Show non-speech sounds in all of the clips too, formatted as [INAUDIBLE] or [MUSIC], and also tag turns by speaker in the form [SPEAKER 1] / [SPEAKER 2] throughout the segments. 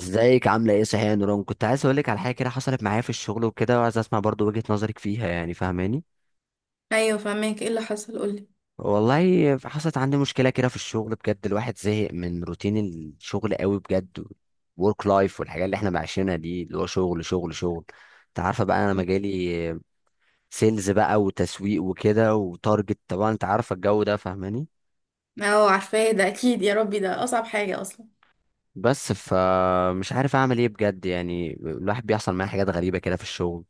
[SPEAKER 1] ازيك عامله ايه صحيح يا نوران؟ كنت عايز اقول لك على حاجه كده حصلت معايا في الشغل وكده، وعايز اسمع برضو وجهه نظرك فيها، يعني فاهماني؟
[SPEAKER 2] ايوه، فهماك. ايه اللي حصل؟ قولي.
[SPEAKER 1] والله حصلت عندي مشكله كده في الشغل بجد، الواحد زهق من روتين الشغل قوي بجد. ورك لايف والحاجات اللي احنا عايشينها دي، اللي هو شغل شغل شغل. انت عارفه بقى انا مجالي سيلز بقى وتسويق وكده وتارجت، طبعا انت عارفه الجو ده. فاهماني؟
[SPEAKER 2] اه، عارفاه. ده اكيد يا ربي ده اصعب حاجة اصلا.
[SPEAKER 1] بس فمش عارف اعمل ايه بجد، يعني الواحد بيحصل معاه حاجات غريبه كده في الشغل.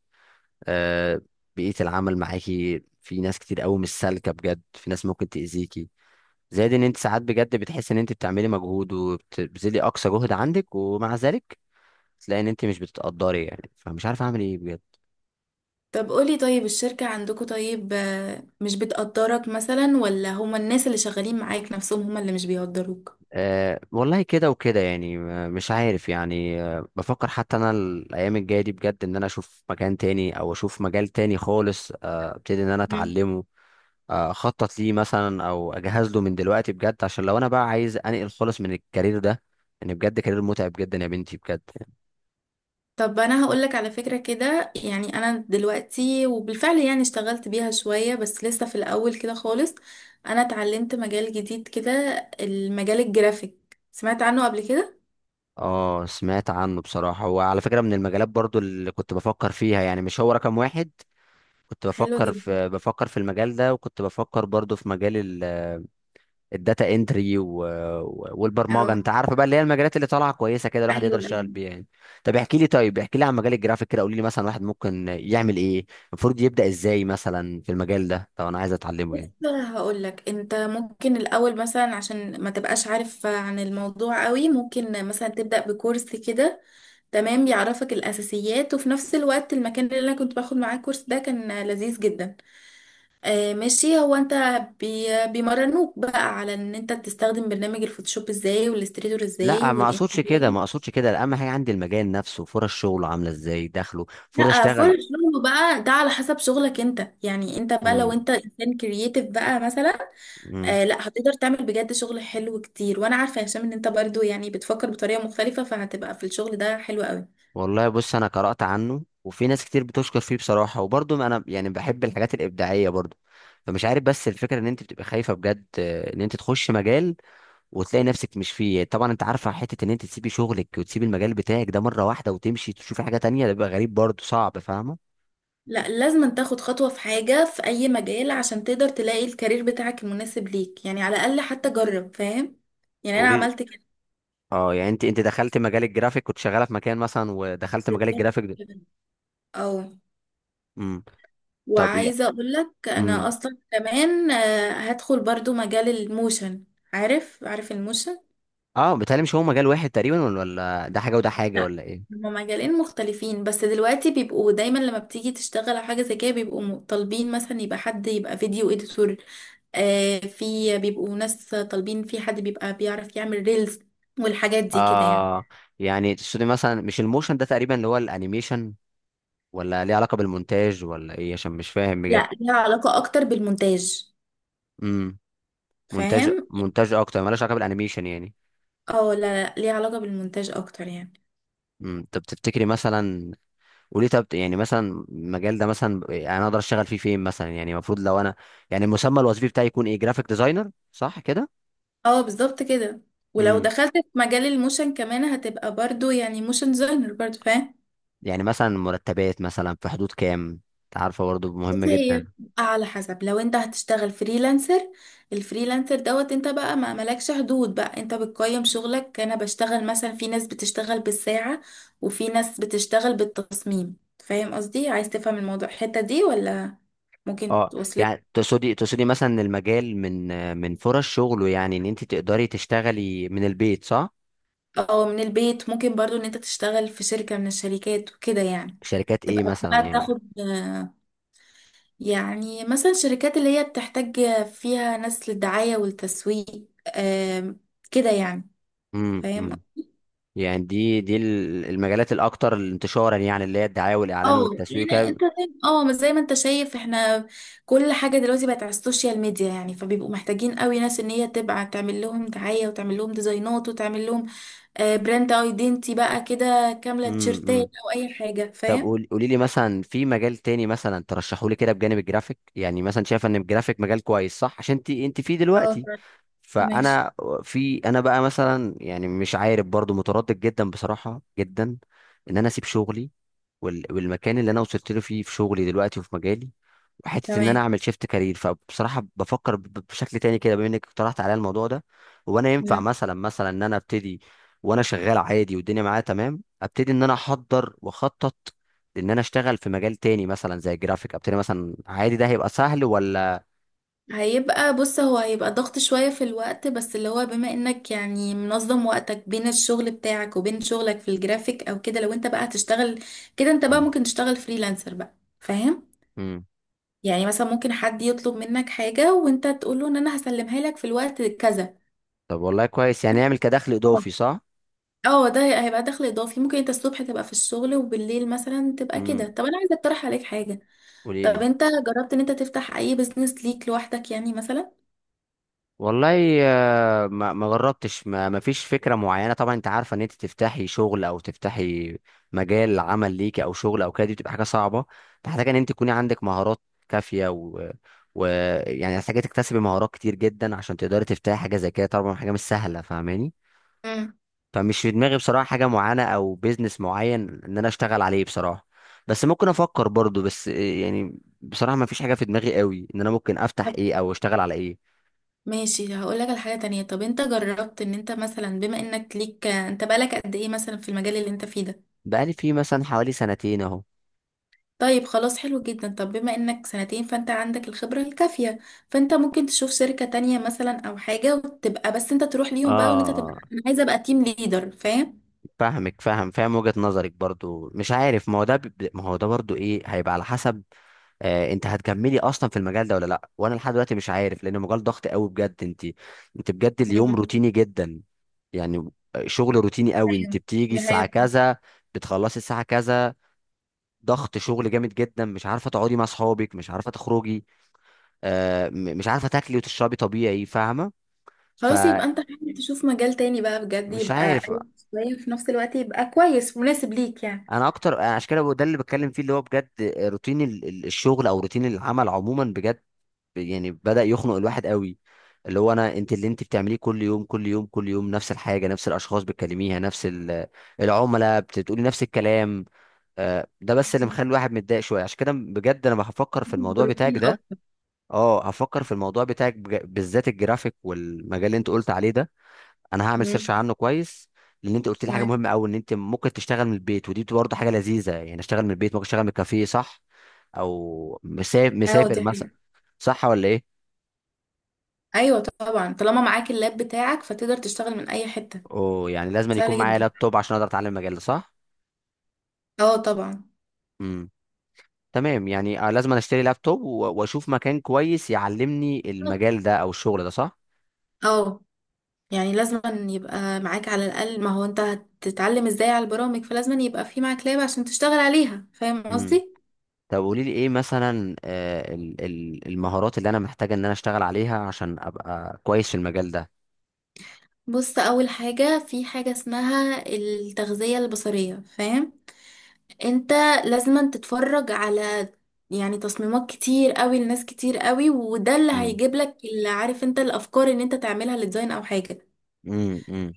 [SPEAKER 1] آه، بيئة العمل معاكي، في ناس كتير قوي مش سالكة بجد، في ناس ممكن تأذيكي. زائد ان انت ساعات بجد بتحس ان انت بتعملي مجهود وبتبذلي اقصى جهد عندك، ومع ذلك تلاقي ان انت مش بتتقدري، يعني فمش عارف اعمل ايه بجد.
[SPEAKER 2] طب قولي، طيب الشركة عندكم طيب، مش بتقدرك مثلا ولا هما الناس اللي شغالين معاك نفسهم هما اللي مش بيقدروك؟
[SPEAKER 1] أه والله كده وكده يعني، مش عارف يعني بفكر حتى انا الايام الجايه دي بجد، ان انا اشوف مكان تاني او اشوف مجال تاني خالص، ابتدي ان انا
[SPEAKER 2] مم.
[SPEAKER 1] اتعلمه. اخطط ليه مثلا او اجهز له من دلوقتي بجد، عشان لو انا بقى عايز انقل خالص من الكارير ده، ان بجد كارير متعب جدا يا بنتي بجد.
[SPEAKER 2] طب انا هقولك على فكرة كده. يعني انا دلوقتي وبالفعل يعني اشتغلت بيها شوية بس لسه في الاول كده خالص. انا اتعلمت مجال جديد كده. المجال الجرافيك، سمعت عنه قبل كده؟
[SPEAKER 1] اه سمعت عنه بصراحة، هو على فكرة من المجالات برضو اللي كنت بفكر فيها، يعني مش هو رقم واحد. كنت
[SPEAKER 2] حلو
[SPEAKER 1] بفكر
[SPEAKER 2] جدا.
[SPEAKER 1] في بفكر في المجال ده، وكنت بفكر برضو في مجال الداتا انتري والبرمجه،
[SPEAKER 2] اه،
[SPEAKER 1] انت عارف بقى اللي هي المجالات اللي طالعه كويسه كده، الواحد يقدر
[SPEAKER 2] ايوه،
[SPEAKER 1] يشتغل
[SPEAKER 2] أيوة.
[SPEAKER 1] بيها يعني. طب احكي لي طيب احكي لي عن مجال الجرافيك كده، قولي لي مثلا واحد ممكن يعمل ايه، المفروض يبدا ازاي مثلا في المجال ده لو انا عايز اتعلمه
[SPEAKER 2] بص،
[SPEAKER 1] يعني؟
[SPEAKER 2] انا هقول لك. انت ممكن الاول مثلا عشان ما تبقاش عارف عن الموضوع قوي ممكن مثلا تبدا بكورس كده. تمام، بيعرفك الاساسيات. وفي نفس الوقت المكان اللي انا كنت باخد معاه الكورس ده كان لذيذ جدا. آه، ماشي. هو انت بي بيمرنوك بقى على ان انت تستخدم برنامج الفوتوشوب ازاي والاستريتور ازاي
[SPEAKER 1] لا ما اقصدش كده، ما
[SPEAKER 2] والانسباين.
[SPEAKER 1] اقصدش كده، اهم حاجه عندي المجال نفسه، فرص شغله عامله ازاي، دخله، فرص
[SPEAKER 2] لا،
[SPEAKER 1] اشتغل.
[SPEAKER 2] فرق شغله بقى ده على حسب شغلك انت. يعني انت بقى
[SPEAKER 1] امم
[SPEAKER 2] لو انت انسان كرييتيف بقى مثلا،
[SPEAKER 1] امم
[SPEAKER 2] آه لا، هتقدر تعمل بجد شغل حلو كتير. وانا عارفه يا هشام ان انت برضو يعني بتفكر بطريقه مختلفه فهتبقى في الشغل ده حلو قوي.
[SPEAKER 1] والله بص انا قرات عنه، وفي ناس كتير بتشكر فيه بصراحه، وبرضه انا يعني بحب الحاجات الابداعيه برضه. فمش عارف، بس الفكره ان انت بتبقى خايفه بجد، ان انت تخش مجال وتلاقي نفسك مش فيه، طبعا انت عارفه حته ان انت تسيبي شغلك وتسيبي المجال بتاعك ده مره واحده وتمشي تشوفي حاجه تانية، ده بيبقى غريب برضه، صعب، فاهمه؟
[SPEAKER 2] لا، لازم تاخد خطوه في حاجه، في اي مجال عشان تقدر تلاقي الكارير بتاعك المناسب ليك. يعني على الاقل حتى جرب، فاهم؟ يعني انا
[SPEAKER 1] قولي لي.
[SPEAKER 2] عملت كده.
[SPEAKER 1] اه، يعني انت دخلت مجال الجرافيك، كنت شغاله في مكان مثلا ودخلت مجال
[SPEAKER 2] بالظبط
[SPEAKER 1] الجرافيك ده.
[SPEAKER 2] كده. اه.
[SPEAKER 1] امم طب يا
[SPEAKER 2] وعايزه اقول لك
[SPEAKER 1] امم
[SPEAKER 2] انا اصلا كمان هدخل برضو مجال الموشن. عارف، عارف الموشن؟
[SPEAKER 1] اه، بيتهيألي مش هو مجال واحد تقريبا، ولا ده حاجه وده حاجه
[SPEAKER 2] لا،
[SPEAKER 1] ولا ايه؟
[SPEAKER 2] هما مجالين مختلفين. بس دلوقتي بيبقوا دايما لما بتيجي تشتغل على حاجة زي كده بيبقوا طالبين مثلا يبقى حد يبقى فيديو اديتور. آه، في بيبقوا ناس طالبين، في حد بيبقى بيعرف يعمل ريلز. والحاجات دي كده يعني.
[SPEAKER 1] اه يعني تقصدي مثلا مش الموشن ده تقريبا اللي هو الانيميشن، ولا ليه علاقه بالمونتاج ولا ايه؟ عشان مش فاهم بجد.
[SPEAKER 2] لا، ليها علاقة اكتر بالمونتاج.
[SPEAKER 1] امم مونتاج
[SPEAKER 2] فاهم؟
[SPEAKER 1] مونتاج اكتر مالوش علاقه بالانيميشن يعني.
[SPEAKER 2] اه لا، لا ليها علاقة بالمونتاج اكتر يعني.
[SPEAKER 1] طب تفتكري مثلا، وليه طب يعني مثلا المجال ده مثلا يعني انا اقدر اشتغل فيه فين مثلا، يعني المفروض لو انا يعني المسمى الوظيفي بتاعي يكون ايه، جرافيك ديزاينر صح كده؟
[SPEAKER 2] اه، بالظبط كده. ولو
[SPEAKER 1] امم
[SPEAKER 2] دخلت في مجال الموشن كمان هتبقى برضو يعني موشن ديزاينر برضو، فاهم؟
[SPEAKER 1] يعني مثلا مرتبات مثلا في حدود كام؟ انت عارفه برضه مهم
[SPEAKER 2] بصي، هي
[SPEAKER 1] جدا.
[SPEAKER 2] بتبقى على حسب. لو انت هتشتغل فريلانسر، الفريلانسر دوت انت بقى ما ملكش حدود. بقى انت بتقيم شغلك. انا بشتغل مثلا، في ناس بتشتغل بالساعة وفي ناس بتشتغل بالتصميم. فاهم قصدي؟ عايز تفهم الموضوع الحتة دي ولا ممكن
[SPEAKER 1] اه
[SPEAKER 2] توصلك؟
[SPEAKER 1] يعني تقصدي مثلا إن المجال من فرص شغله، يعني ان انت تقدري تشتغلي من البيت صح؟
[SPEAKER 2] اه، من البيت ممكن. برضو ان انت تشتغل في شركة من الشركات وكده يعني.
[SPEAKER 1] شركات ايه
[SPEAKER 2] تبقى
[SPEAKER 1] مثلا
[SPEAKER 2] بقى
[SPEAKER 1] يعني؟
[SPEAKER 2] بتاخد يعني مثلا الشركات اللي هي بتحتاج فيها ناس للدعاية والتسويق، آم، كده يعني. فاهم؟
[SPEAKER 1] أمم. يعني دي المجالات الاكثر انتشارا، يعني اللي هي الدعايه والاعلان
[SPEAKER 2] اه،
[SPEAKER 1] والتسويق.
[SPEAKER 2] يعني انت فاهم. اه مش زي ما انت شايف، احنا كل حاجه دلوقتي بقت على السوشيال ميديا. يعني فبيبقوا محتاجين قوي ناس ان هي تبقى تعمل لهم دعايه وتعمل لهم ديزاينات وتعمل لهم براند ايدنتي بقى كده كامله، تيشرتات
[SPEAKER 1] امم
[SPEAKER 2] او اي حاجه،
[SPEAKER 1] طب،
[SPEAKER 2] فاهم؟
[SPEAKER 1] قولي لي مثلا في مجال تاني مثلا ترشحوا لي كده بجانب الجرافيك، يعني مثلا شايفه ان الجرافيك مجال كويس صح، عشان انت فيه
[SPEAKER 2] اه،
[SPEAKER 1] دلوقتي.
[SPEAKER 2] فاهم. ماشي.
[SPEAKER 1] فانا في انا بقى مثلا يعني مش عارف برضو، متردد جدا بصراحه جدا، ان انا اسيب شغلي والمكان اللي انا وصلت له فيه في شغلي دلوقتي وفي مجالي، حته ان انا
[SPEAKER 2] تمام.
[SPEAKER 1] اعمل شيفت كارير، فبصراحه بفكر بشكل تاني كده، بما انك اقترحت عليا الموضوع ده. وانا ينفع
[SPEAKER 2] مم.
[SPEAKER 1] مثلا ان انا ابتدي، وانا شغال عادي والدنيا معايا تمام، ابتدي ان انا احضر واخطط ان انا اشتغل في مجال تاني مثلا زي الجرافيك، ابتدي مثلا عادي، ده هيبقى سهل ولا؟
[SPEAKER 2] هيبقى بص، هو هيبقى ضغط شويه في الوقت بس اللي هو بما انك يعني منظم وقتك بين الشغل بتاعك وبين شغلك في الجرافيك او كده. لو انت بقى هتشتغل كده انت بقى
[SPEAKER 1] مم.
[SPEAKER 2] ممكن تشتغل فريلانسر بقى. فاهم؟
[SPEAKER 1] مم.
[SPEAKER 2] يعني مثلا، ممكن حد يطلب منك حاجة وانت تقول له ان انا هسلمها لك في الوقت كذا.
[SPEAKER 1] طب والله كويس، يعني اعمل كدخل
[SPEAKER 2] اه.
[SPEAKER 1] اضافي صح؟
[SPEAKER 2] اه ده هيبقى دخل اضافي. ممكن انت الصبح تبقى في الشغل وبالليل مثلا تبقى كده.
[SPEAKER 1] امم
[SPEAKER 2] طب انا عايزة اقترح عليك حاجة.
[SPEAKER 1] قولي
[SPEAKER 2] طب
[SPEAKER 1] لي.
[SPEAKER 2] انت جربت ان انت تفتح اي بزنس ليك لوحدك يعني مثلا؟
[SPEAKER 1] والله ما جربتش، ما فيش فكره معينه، طبعا انت عارفه ان انت تفتحي شغل او تفتحي مجال عمل ليكي او شغل او كده، دي بتبقى حاجه صعبه، محتاجه ان انت تكوني عندك مهارات كافيه، و ويعني محتاجه تكتسبي مهارات كتير جدا عشان تقدري تفتحي حاجه زي كده، طبعا حاجه مش سهله، فاهماني؟
[SPEAKER 2] امم.
[SPEAKER 1] فمش في دماغي بصراحه حاجه معينه او بيزنس معين ان انا اشتغل عليه بصراحه، بس ممكن افكر برضو، بس يعني بصراحه ما فيش حاجه في دماغي قوي ان انا ممكن افتح
[SPEAKER 2] طب،
[SPEAKER 1] ايه او اشتغل على ايه.
[SPEAKER 2] ماشي. هقول لك على حاجة تانية. طب انت جربت ان انت مثلا، بما انك ليك انت بقالك قد ايه مثلا في المجال اللي انت فيه ده؟
[SPEAKER 1] بقالي فيه مثلا حوالي 2 سنين اهو.
[SPEAKER 2] طيب، خلاص حلو جدا. طب بما انك سنتين فانت عندك الخبرة الكافية. فانت ممكن تشوف شركة تانية مثلا او حاجة وتبقى، بس انت تروح ليهم بقى وان انت تبقى
[SPEAKER 1] اه
[SPEAKER 2] انا عايزة ابقى تيم ليدر، فاهم؟
[SPEAKER 1] فاهمك، فاهم فاهم وجهة نظرك برضو، مش عارف، ما هو ده برضو ايه، هيبقى على حسب انت هتكملي اصلا في المجال ده ولا لا، وانا لحد دلوقتي مش عارف، لان المجال ضغط قوي بجد، انت بجد اليوم
[SPEAKER 2] مم.
[SPEAKER 1] روتيني جدا، يعني شغل روتيني قوي، انت
[SPEAKER 2] ايوه،
[SPEAKER 1] بتيجي
[SPEAKER 2] دي
[SPEAKER 1] الساعة
[SPEAKER 2] حقيقة.
[SPEAKER 1] كذا، بتخلصي الساعة كذا، ضغط شغل جامد جدا، مش عارفة تقعدي مع اصحابك، مش عارفة تخرجي، مش عارفة تاكلي وتشربي طبيعي، فاهمة؟
[SPEAKER 2] خلاص،
[SPEAKER 1] فمش
[SPEAKER 2] يبقى انت حاول تشوف مجال تاني بقى بجد. يبقى
[SPEAKER 1] عارف
[SPEAKER 2] قريب شوية وفي نفس الوقت يبقى كويس مناسب ليك يعني.
[SPEAKER 1] انا اكتر، أنا عشان كده ده اللي بتكلم فيه اللي هو بجد روتين الشغل او روتين العمل عموما بجد، يعني بدأ يخنق الواحد قوي، اللي هو انت اللي انت بتعمليه كل يوم كل يوم كل يوم نفس الحاجه، نفس الاشخاص بتكلميها، نفس العملاء بتقولي نفس الكلام، ده بس اللي
[SPEAKER 2] مم.
[SPEAKER 1] مخلي الواحد متضايق شويه، عشان كده بجد انا هفكر في الموضوع
[SPEAKER 2] بروتين
[SPEAKER 1] بتاعك ده.
[SPEAKER 2] اكتر.
[SPEAKER 1] اه هفكر في الموضوع بتاعك بالذات الجرافيك والمجال اللي انت قلت عليه ده، انا هعمل سيرش
[SPEAKER 2] مم.
[SPEAKER 1] عنه كويس، لان انت قلت لي حاجه
[SPEAKER 2] تمام.
[SPEAKER 1] مهمه قوي ان انت ممكن تشتغل من البيت، ودي برضه حاجه لذيذه، يعني اشتغل من البيت، ممكن اشتغل من الكافيه صح، او مسافر
[SPEAKER 2] اه، دي
[SPEAKER 1] مسافر مثلا،
[SPEAKER 2] حقيقة.
[SPEAKER 1] صح ولا ايه؟
[SPEAKER 2] ايوه طبعا، طالما معاك اللاب بتاعك فتقدر تشتغل من اي حتة.
[SPEAKER 1] او يعني لازم أن يكون
[SPEAKER 2] سهل
[SPEAKER 1] معايا
[SPEAKER 2] جدا.
[SPEAKER 1] لابتوب عشان اقدر اتعلم المجال ده صح؟
[SPEAKER 2] اه، طبعا.
[SPEAKER 1] امم تمام يعني لازم أنا اشتري لابتوب واشوف مكان كويس يعلمني المجال ده او الشغل ده صح؟
[SPEAKER 2] اه، يعني لازم أن يبقى معاك على الأقل. ما هو انت هتتعلم ازاي على البرامج؟ فلازم أن يبقى في معاك لاب عشان تشتغل عليها، فاهم
[SPEAKER 1] امم
[SPEAKER 2] قصدي؟
[SPEAKER 1] طب قولي لي ايه مثلا، المهارات اللي انا محتاجه ان انا اشتغل عليها عشان ابقى كويس في المجال ده؟
[SPEAKER 2] بص، أول حاجة، في حاجة اسمها التغذية البصرية، فاهم؟ انت لازم أن تتفرج على يعني تصميمات كتير قوي لناس كتير قوي. وده اللي
[SPEAKER 1] امم
[SPEAKER 2] هيجيب لك اللي عارف انت الأفكار ان انت تعملها لديزاين أو حاجة.
[SPEAKER 1] امم امم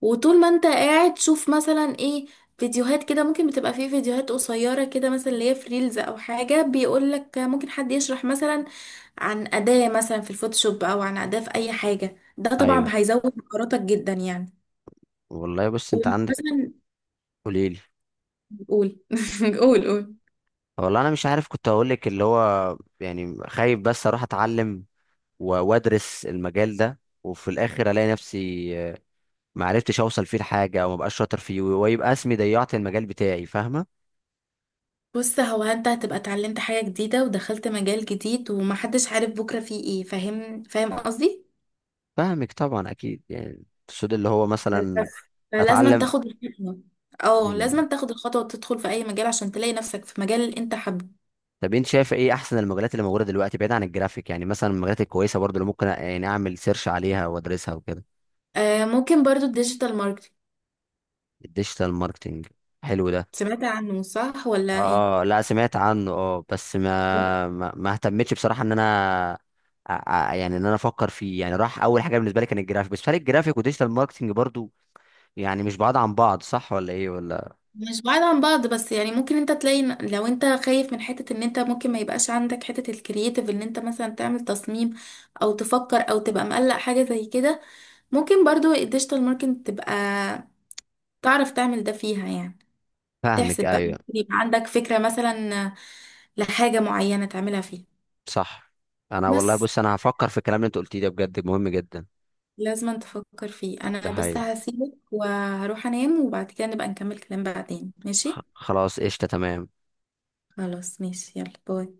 [SPEAKER 2] وطول ما انت قاعد شوف مثلا ايه، فيديوهات كده. ممكن بتبقى فيه فيديوهات قصيرة كده مثلا اللي هي في ريلز او حاجة بيقولك ممكن حد يشرح مثلا عن أداة مثلا في الفوتوشوب او عن أداة في اي حاجة. ده طبعا
[SPEAKER 1] ايوه
[SPEAKER 2] هيزود مهاراتك جدا يعني.
[SPEAKER 1] والله بص انت عندك
[SPEAKER 2] ومثلا
[SPEAKER 1] قليل.
[SPEAKER 2] قول [LAUGHS] قول، قول.
[SPEAKER 1] والله انا مش عارف، كنت هقول لك اللي هو يعني خايف بس اروح اتعلم وادرس المجال ده، وفي الاخر الاقي نفسي ما عرفتش اوصل فيه لحاجه او ما بقاش شاطر فيه، ويبقى اسمي ضيعت المجال بتاعي، فاهمه؟
[SPEAKER 2] بص، هو انت هتبقى اتعلمت حاجة جديدة ودخلت مجال جديد ومحدش عارف بكرة فيه ايه. فاهم؟ فاهم قصدي؟
[SPEAKER 1] فاهمك طبعا اكيد يعني، السود اللي هو مثلا،
[SPEAKER 2] بس فلازم
[SPEAKER 1] اتعلم.
[SPEAKER 2] تاخد الخطوة. اه،
[SPEAKER 1] مم.
[SPEAKER 2] لازم تاخد الخطوة وتدخل في أي مجال عشان تلاقي نفسك في مجال اللي أنت حابه.
[SPEAKER 1] طب انت شايف ايه احسن المجالات اللي موجوده دلوقتي بعيد عن الجرافيك، يعني مثلا المجالات الكويسه برضو اللي ممكن يعني اعمل سيرش عليها وادرسها وكده؟
[SPEAKER 2] آه، ممكن برضو الديجيتال ماركتينج.
[SPEAKER 1] الديجيتال ماركتنج، حلو ده.
[SPEAKER 2] سمعت عنه صح ولا إيه؟
[SPEAKER 1] اه لا سمعت عنه، بس
[SPEAKER 2] طب،
[SPEAKER 1] ما اهتمتش بصراحه ان انا يعني ان انا افكر فيه، يعني راح اول حاجه بالنسبه لي كان الجرافيك، بس فرق الجرافيك وديجيتال ماركتنج برضو، يعني مش بعاد عن بعض صح ولا ايه ولا؟
[SPEAKER 2] مش بعيد عن بعض بس يعني ممكن انت تلاقي لو انت خايف من حتة ان انت ممكن ما يبقاش عندك حتة الكرياتيف ان انت مثلا تعمل تصميم او تفكر او تبقى مقلق حاجة زي كده. ممكن برضو الديجيتال ماركتينج تبقى تعرف تعمل ده فيها يعني.
[SPEAKER 1] فاهمك
[SPEAKER 2] تحسب بقى،
[SPEAKER 1] ايوه
[SPEAKER 2] يبقى عندك فكرة مثلا لحاجة معينة تعملها فيه.
[SPEAKER 1] صح. انا والله
[SPEAKER 2] بس
[SPEAKER 1] بص انا هفكر في الكلام اللي انت قلتيه ده بجد مهم جدا.
[SPEAKER 2] لازم تفكر فيه.
[SPEAKER 1] ده
[SPEAKER 2] انا بس
[SPEAKER 1] حقيقي.
[SPEAKER 2] هسيبك وهروح انام وبعد كده نبقى نكمل كلام بعدين، ماشي؟
[SPEAKER 1] خلاص قشطه تمام.
[SPEAKER 2] خلاص، ماشي، يلا باي.